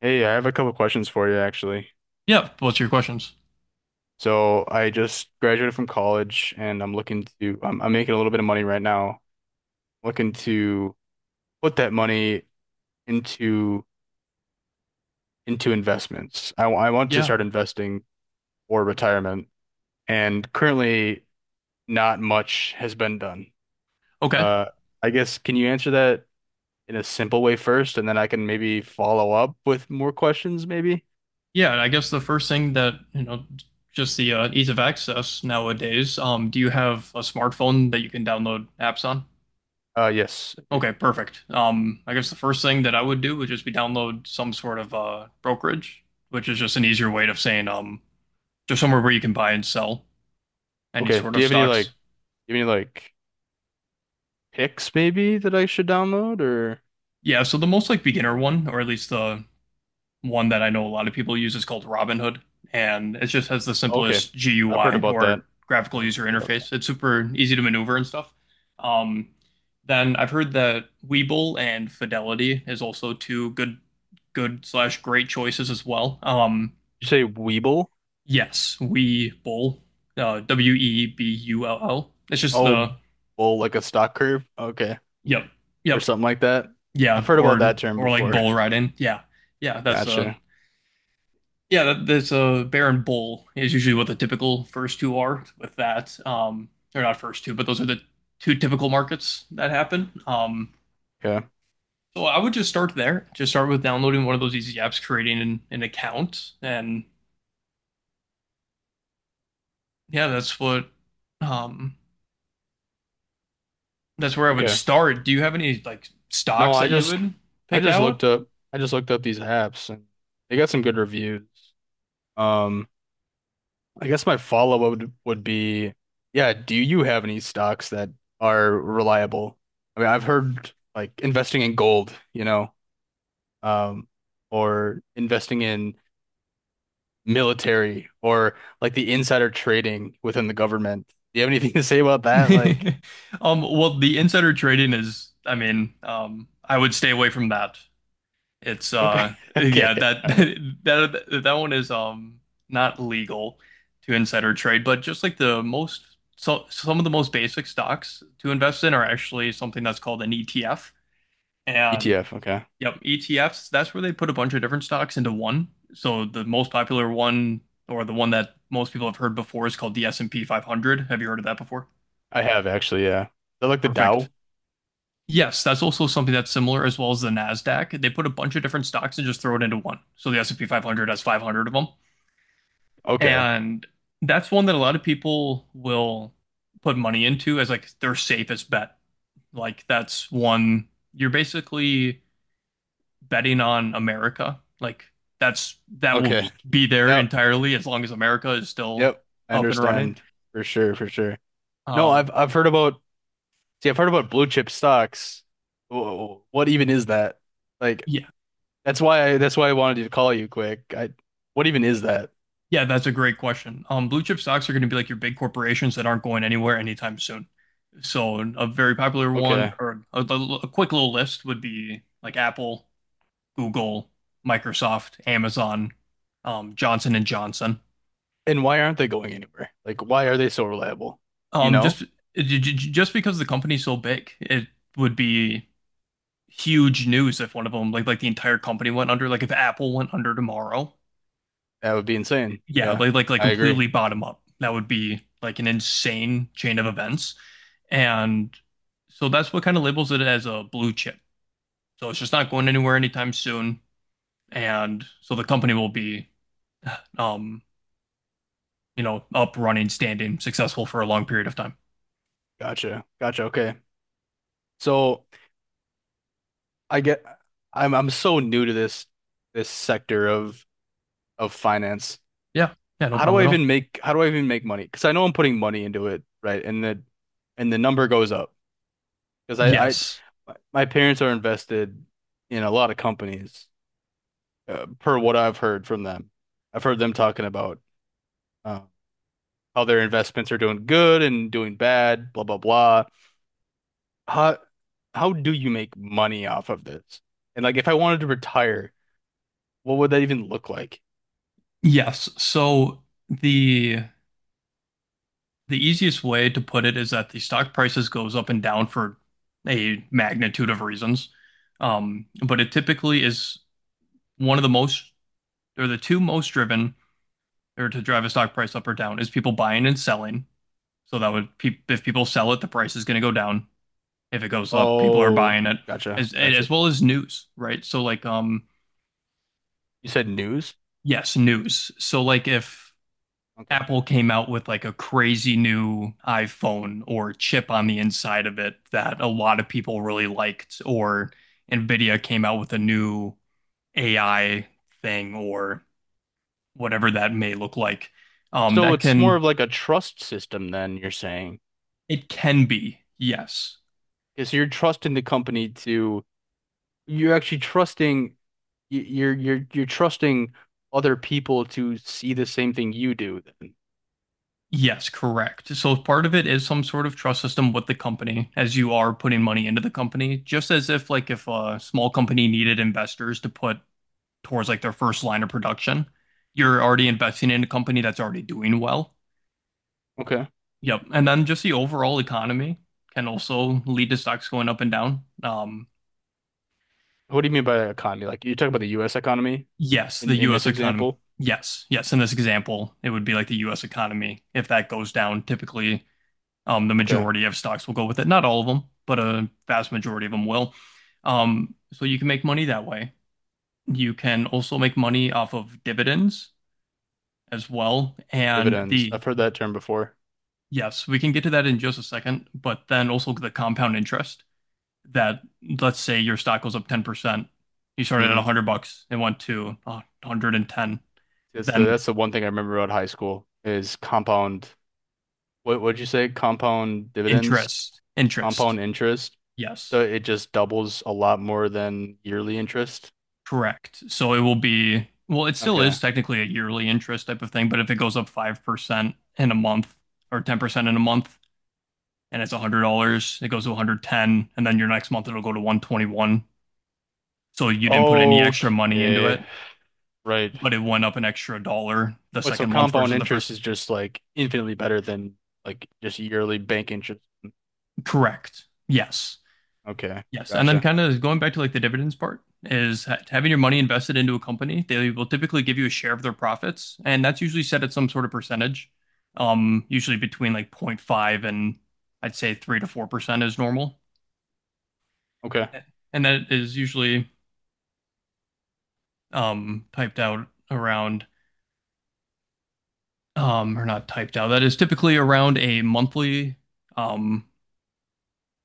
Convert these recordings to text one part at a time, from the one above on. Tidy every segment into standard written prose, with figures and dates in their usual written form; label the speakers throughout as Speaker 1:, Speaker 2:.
Speaker 1: Hey, I have a couple questions for you actually.
Speaker 2: Yeah. What's your questions?
Speaker 1: So I just graduated from college and I'm looking to I'm making a little bit of money right now. Looking to put that money into into investments. I want to
Speaker 2: Yeah.
Speaker 1: start investing for retirement, and currently not much has been done.
Speaker 2: Okay.
Speaker 1: Uh, I guess can you answer that in a simple way first and then I can maybe follow up with more questions maybe?
Speaker 2: Yeah. I guess the first thing that, just the ease of access nowadays. Do you have a smartphone that you can download apps on?
Speaker 1: Yes. I do.
Speaker 2: Okay, perfect. I guess the first thing that I would do would just be download some sort of brokerage, which is just an easier way of saying just somewhere where you can buy and sell any
Speaker 1: Okay.
Speaker 2: sort
Speaker 1: Do you
Speaker 2: of
Speaker 1: have any like
Speaker 2: stocks.
Speaker 1: do you have any like picks maybe that I should download or
Speaker 2: Yeah, so the most like beginner one, or at least the one that I know a lot of people use is called Robinhood, and it just has the
Speaker 1: okay.
Speaker 2: simplest
Speaker 1: I've heard
Speaker 2: GUI
Speaker 1: about that.
Speaker 2: or graphical
Speaker 1: Yeah, I've
Speaker 2: user
Speaker 1: heard about that.
Speaker 2: interface. It's super easy to maneuver and stuff. Um, then I've heard that Webull and Fidelity is also two good/great choices as well.
Speaker 1: You say Weeble?
Speaker 2: Yes, Webull, Webull. It's just
Speaker 1: Oh,
Speaker 2: the
Speaker 1: bull like a stock curve. Okay.
Speaker 2: yep,
Speaker 1: Or
Speaker 2: yep,
Speaker 1: something like that.
Speaker 2: yeah,
Speaker 1: I've heard about
Speaker 2: or
Speaker 1: that term
Speaker 2: or like
Speaker 1: before.
Speaker 2: bull riding. Yeah, yeah, that's a
Speaker 1: Gotcha.
Speaker 2: Yeah, that's a bear and Bull is usually what the typical first two are with that. They're not first two, but those are the two typical markets that happen.
Speaker 1: Okay.
Speaker 2: So I would just start there. Just start with downloading one of those easy apps, creating an account, and yeah, um, that's where I would
Speaker 1: Okay.
Speaker 2: start. Do you have any like
Speaker 1: No,
Speaker 2: stocks that you would
Speaker 1: I
Speaker 2: pick
Speaker 1: just
Speaker 2: out?
Speaker 1: looked up I just looked up these apps and they got some good reviews. Um, I guess my follow-up would be, yeah, do you have any stocks that are reliable? I mean, I've heard like investing in gold, you know. um, or investing in military or like the insider trading within the government. Do you have anything to say about that? Like,
Speaker 2: Well, the insider trading is, I mean, I would stay away from that. It's
Speaker 1: okay,
Speaker 2: yeah
Speaker 1: okay,
Speaker 2: that
Speaker 1: all right.
Speaker 2: that one is not legal to insider trade, but just like the most so some of the most basic stocks to invest in are actually something that's called an ETF. And
Speaker 1: ETF, okay.
Speaker 2: yep, ETFs, that's where they put a bunch of different stocks into one. So the most popular one or the one that most people have heard before is called the S&P 500. Have you heard of that before?
Speaker 1: I have actually, yeah. Is that like the
Speaker 2: Perfect.
Speaker 1: Dow?
Speaker 2: Yes, that's also something that's similar, as well as the Nasdaq. They put a bunch of different stocks and just throw it into one. So the S&P 500 has 500 of them,
Speaker 1: Okay,
Speaker 2: and that's one that a lot of people will put money into as like their safest bet. Like that's one you're basically betting on America. Like that will
Speaker 1: okay.
Speaker 2: be there
Speaker 1: Yep,
Speaker 2: entirely as long as America is still
Speaker 1: yep. I
Speaker 2: up and running.
Speaker 1: understand for sure, for sure. No,
Speaker 2: Um,
Speaker 1: I've heard about. See, I've heard about blue chip stocks. What even is that? Like,
Speaker 2: yeah,
Speaker 1: that's why I wanted to call you quick. I, what even is that?
Speaker 2: yeah, that's a great question. Blue chip stocks are going to be like your big corporations that aren't going anywhere anytime soon. So a very popular one,
Speaker 1: Okay.
Speaker 2: or quick little list would be like Apple, Google, Microsoft, Amazon, Johnson and Johnson.
Speaker 1: And why aren't they going anywhere? Like, why are they so reliable? You
Speaker 2: Um,
Speaker 1: know,
Speaker 2: just just because the company's so big, it would be huge news if one of them, like the entire company went under. Like if Apple went under tomorrow,
Speaker 1: that would be insane.
Speaker 2: yeah,
Speaker 1: Yeah,
Speaker 2: like
Speaker 1: I agree.
Speaker 2: completely bottom up. That would be like an insane chain of events, and so that's what kind of labels it as a blue chip. So it's just not going anywhere anytime soon. And so the company will be um up running standing successful for a long period of time.
Speaker 1: Gotcha. Gotcha. Okay. So I get, I'm so new to this this sector of finance.
Speaker 2: Yeah, yeah, no problem at all.
Speaker 1: How do I even make money? Because I know I'm putting money into it, right? And the number goes up because I,
Speaker 2: Yes,
Speaker 1: my parents are invested in a lot of companies, per what I've heard from them. I've heard them talking about. uh, Other investments are doing good and doing bad, blah blah blah. How how do you make money off of this? And like if I wanted to retire, what would that even look like?
Speaker 2: yes, so the the easiest way to put it is that the stock prices goes up and down for a magnitude of reasons, but it typically is one of the most, or the two most driven, or to drive a stock price up or down is people buying and selling. So if people sell it the price is going to go down. If it goes up, people are
Speaker 1: Oh,
Speaker 2: buying it, as
Speaker 1: gotcha.
Speaker 2: as well as news, right? So like
Speaker 1: You said news?
Speaker 2: yes, news. So like if
Speaker 1: Okay.
Speaker 2: Apple came out with like a crazy new iPhone or chip on the inside of it that a lot of people really liked, or Nvidia came out with a new AI thing or whatever that may look like,
Speaker 1: So
Speaker 2: that
Speaker 1: it's more
Speaker 2: can
Speaker 1: of like a trust system then you're saying.
Speaker 2: it can be, yes,
Speaker 1: Because you're trusting the company to you're actually trusting you're trusting other people to see the same thing you do then.
Speaker 2: yes, correct. So part of it is some sort of trust system with the company as you are putting money into the company, just as if like if a small company needed investors to put towards like their first line of production, you're already investing in a company that's already doing well.
Speaker 1: Okay.
Speaker 2: Yep. And then just the overall economy can also lead to stocks going up and down.
Speaker 1: What do you mean by economy? Like you talk about the US economy?
Speaker 2: Yes, the
Speaker 1: In
Speaker 2: US
Speaker 1: this
Speaker 2: economy.
Speaker 1: example,
Speaker 2: Yes, yes. In this example, it would be like the US economy. If that goes down, typically the
Speaker 1: okay,
Speaker 2: majority of stocks will go with it. Not all of them, but a vast majority of them will. So you can make money that way. You can also make money off of dividends as well.
Speaker 1: dividends. I've heard that term before.
Speaker 2: Yes, we can get to that in just a second, but then also the compound interest that let's say your stock goes up 10%. You started at
Speaker 1: Hmm.
Speaker 2: 100 bucks and went to 110.
Speaker 1: That's the
Speaker 2: Then
Speaker 1: that's the one thing I remember about high school is compound. What what'd you say?
Speaker 2: interest, interest.
Speaker 1: Compound interest. So
Speaker 2: Yes.
Speaker 1: it just doubles a lot more than yearly interest.
Speaker 2: Correct. So it will be, well, it still
Speaker 1: Okay.
Speaker 2: is technically a yearly interest type of thing, but if it goes up 5% in a month or 10% in a month and it's $100, it goes to 110 and then your next month it'll go to 121. So you didn't put any extra money into
Speaker 1: Okay.
Speaker 2: it,
Speaker 1: Right.
Speaker 2: but it went up an extra dollar the
Speaker 1: What so
Speaker 2: second month
Speaker 1: compound
Speaker 2: versus the
Speaker 1: interest
Speaker 2: first.
Speaker 1: is just like infinitely better than like just yearly bank interest. Mm,
Speaker 2: Correct. Yes.
Speaker 1: okay.
Speaker 2: Yes, and then
Speaker 1: Gotcha.
Speaker 2: kind of going back to like the dividends part is ha having your money invested into a company. They will typically give you a share of their profits, and that's usually set at some sort of percentage, usually between like zero point 0.5 and I'd say 3 to 4% is normal,
Speaker 1: Okay.
Speaker 2: and that is usually typed out around or not typed out. That is typically around a monthly, um,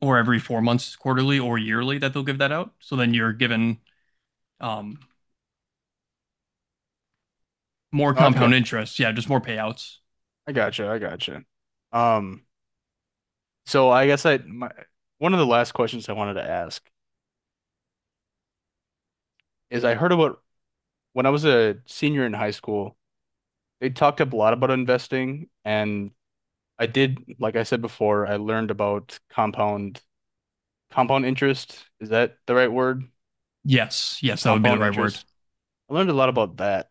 Speaker 2: or every 4 months, quarterly or yearly that they'll give that out. So then you're given um, more
Speaker 1: No,
Speaker 2: compound interest, yeah, just more payouts.
Speaker 1: I gotcha. Um. So I guess I my One of the last questions I wanted to ask is I heard about when I was a senior in high school, they talked up a lot about investing, and I did, like I said before, I learned about compound interest. Is that the right word?
Speaker 2: Yes, yes, that would be the
Speaker 1: Compound
Speaker 2: right word.
Speaker 1: interest. I learned a lot about that.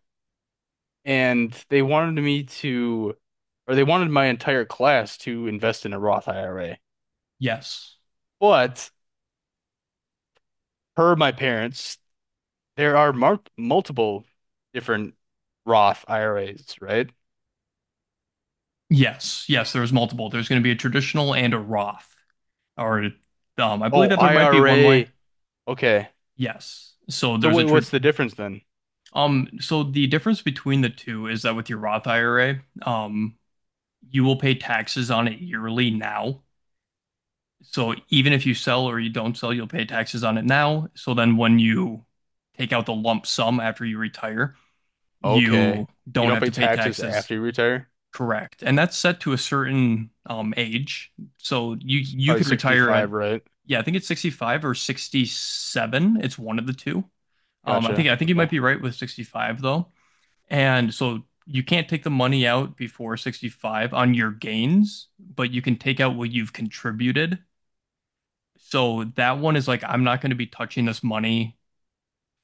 Speaker 1: And they wanted me to, or they wanted my entire class to invest in a Roth IRA.
Speaker 2: Yes,
Speaker 1: But per my parents, there are mar multiple different Roth IRAs, right?
Speaker 2: yes, yes. There's multiple. There's going to be a traditional and a Roth, or I believe
Speaker 1: Oh,
Speaker 2: that there might be one more.
Speaker 1: IRA. Okay.
Speaker 2: Yes.
Speaker 1: So wait, what's the difference then?
Speaker 2: So the difference between the two is that with your Roth IRA, you will pay taxes on it yearly now. So even if you sell or you don't sell, you'll pay taxes on it now. So then when you take out the lump sum after you retire,
Speaker 1: Okay.
Speaker 2: you
Speaker 1: You
Speaker 2: don't
Speaker 1: don't
Speaker 2: have
Speaker 1: pay
Speaker 2: to pay
Speaker 1: taxes
Speaker 2: taxes.
Speaker 1: after you retire?
Speaker 2: Correct. And that's set to a certain age. So you
Speaker 1: It's
Speaker 2: you
Speaker 1: probably
Speaker 2: could retire
Speaker 1: 65,
Speaker 2: at,
Speaker 1: right?
Speaker 2: yeah, I think it's 65 or 67. It's one of the two. I think
Speaker 1: Gotcha.
Speaker 2: you might
Speaker 1: Okay.
Speaker 2: be right with 65 though. And so you can't take the money out before 65 on your gains, but you can take out what you've contributed. So that one is like I'm not going to be touching this money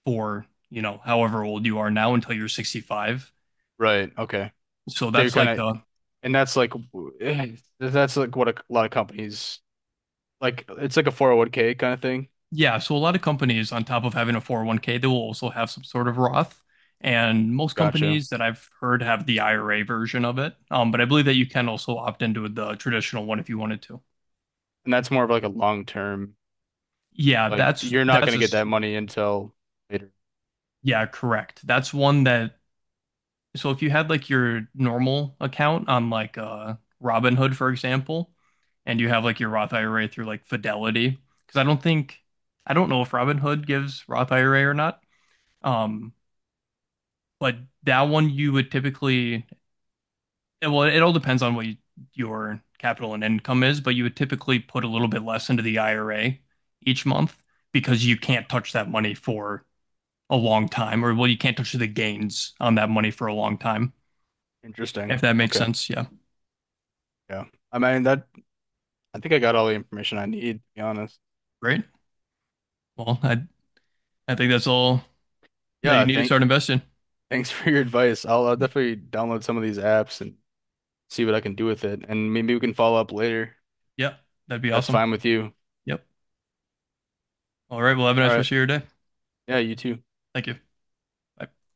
Speaker 2: for, however old you are now until you're 65.
Speaker 1: Right. Okay.
Speaker 2: So
Speaker 1: So you're
Speaker 2: that's
Speaker 1: kind
Speaker 2: like
Speaker 1: of,
Speaker 2: a
Speaker 1: and that's like, that's like what a lot of companies, like, it's like a 401k kind of thing.
Speaker 2: Yeah, so a lot of companies, on top of having a 401(k), they will also have some sort of Roth. And most
Speaker 1: Gotcha.
Speaker 2: companies that I've heard have the IRA version of it. But I believe that you can also opt into the traditional one if you wanted to.
Speaker 1: And that's more of like a long term,
Speaker 2: Yeah,
Speaker 1: like, you're not going to get that money until later.
Speaker 2: yeah, correct. That's one that so if you had like your normal account on like Robinhood, for example, and you have like your Roth IRA through like Fidelity, because I don't know if Robinhood gives Roth IRA or not. Um, But that one you would typically, well, it all depends on your capital and income is, but you would typically put a little bit less into the IRA each month because you can't touch that money for a long time, or well, you can't touch the gains on that money for a long time,
Speaker 1: Interesting.
Speaker 2: if that makes
Speaker 1: Okay.
Speaker 2: sense. Yeah.
Speaker 1: Yeah. I mean, that I think I got all the information I need, to be honest.
Speaker 2: Great. Well, I think that's all that you
Speaker 1: Yeah,
Speaker 2: need to start investing.
Speaker 1: thanks for your advice. I'll definitely download some of these apps and see what I can do with it. And maybe we can follow up later.
Speaker 2: Yeah, that'd be
Speaker 1: That's
Speaker 2: awesome.
Speaker 1: fine with you.
Speaker 2: Yep. All right. Well, have a
Speaker 1: All
Speaker 2: nice
Speaker 1: right.
Speaker 2: rest of your day.
Speaker 1: Yeah, you too.
Speaker 2: Thank you. Bye.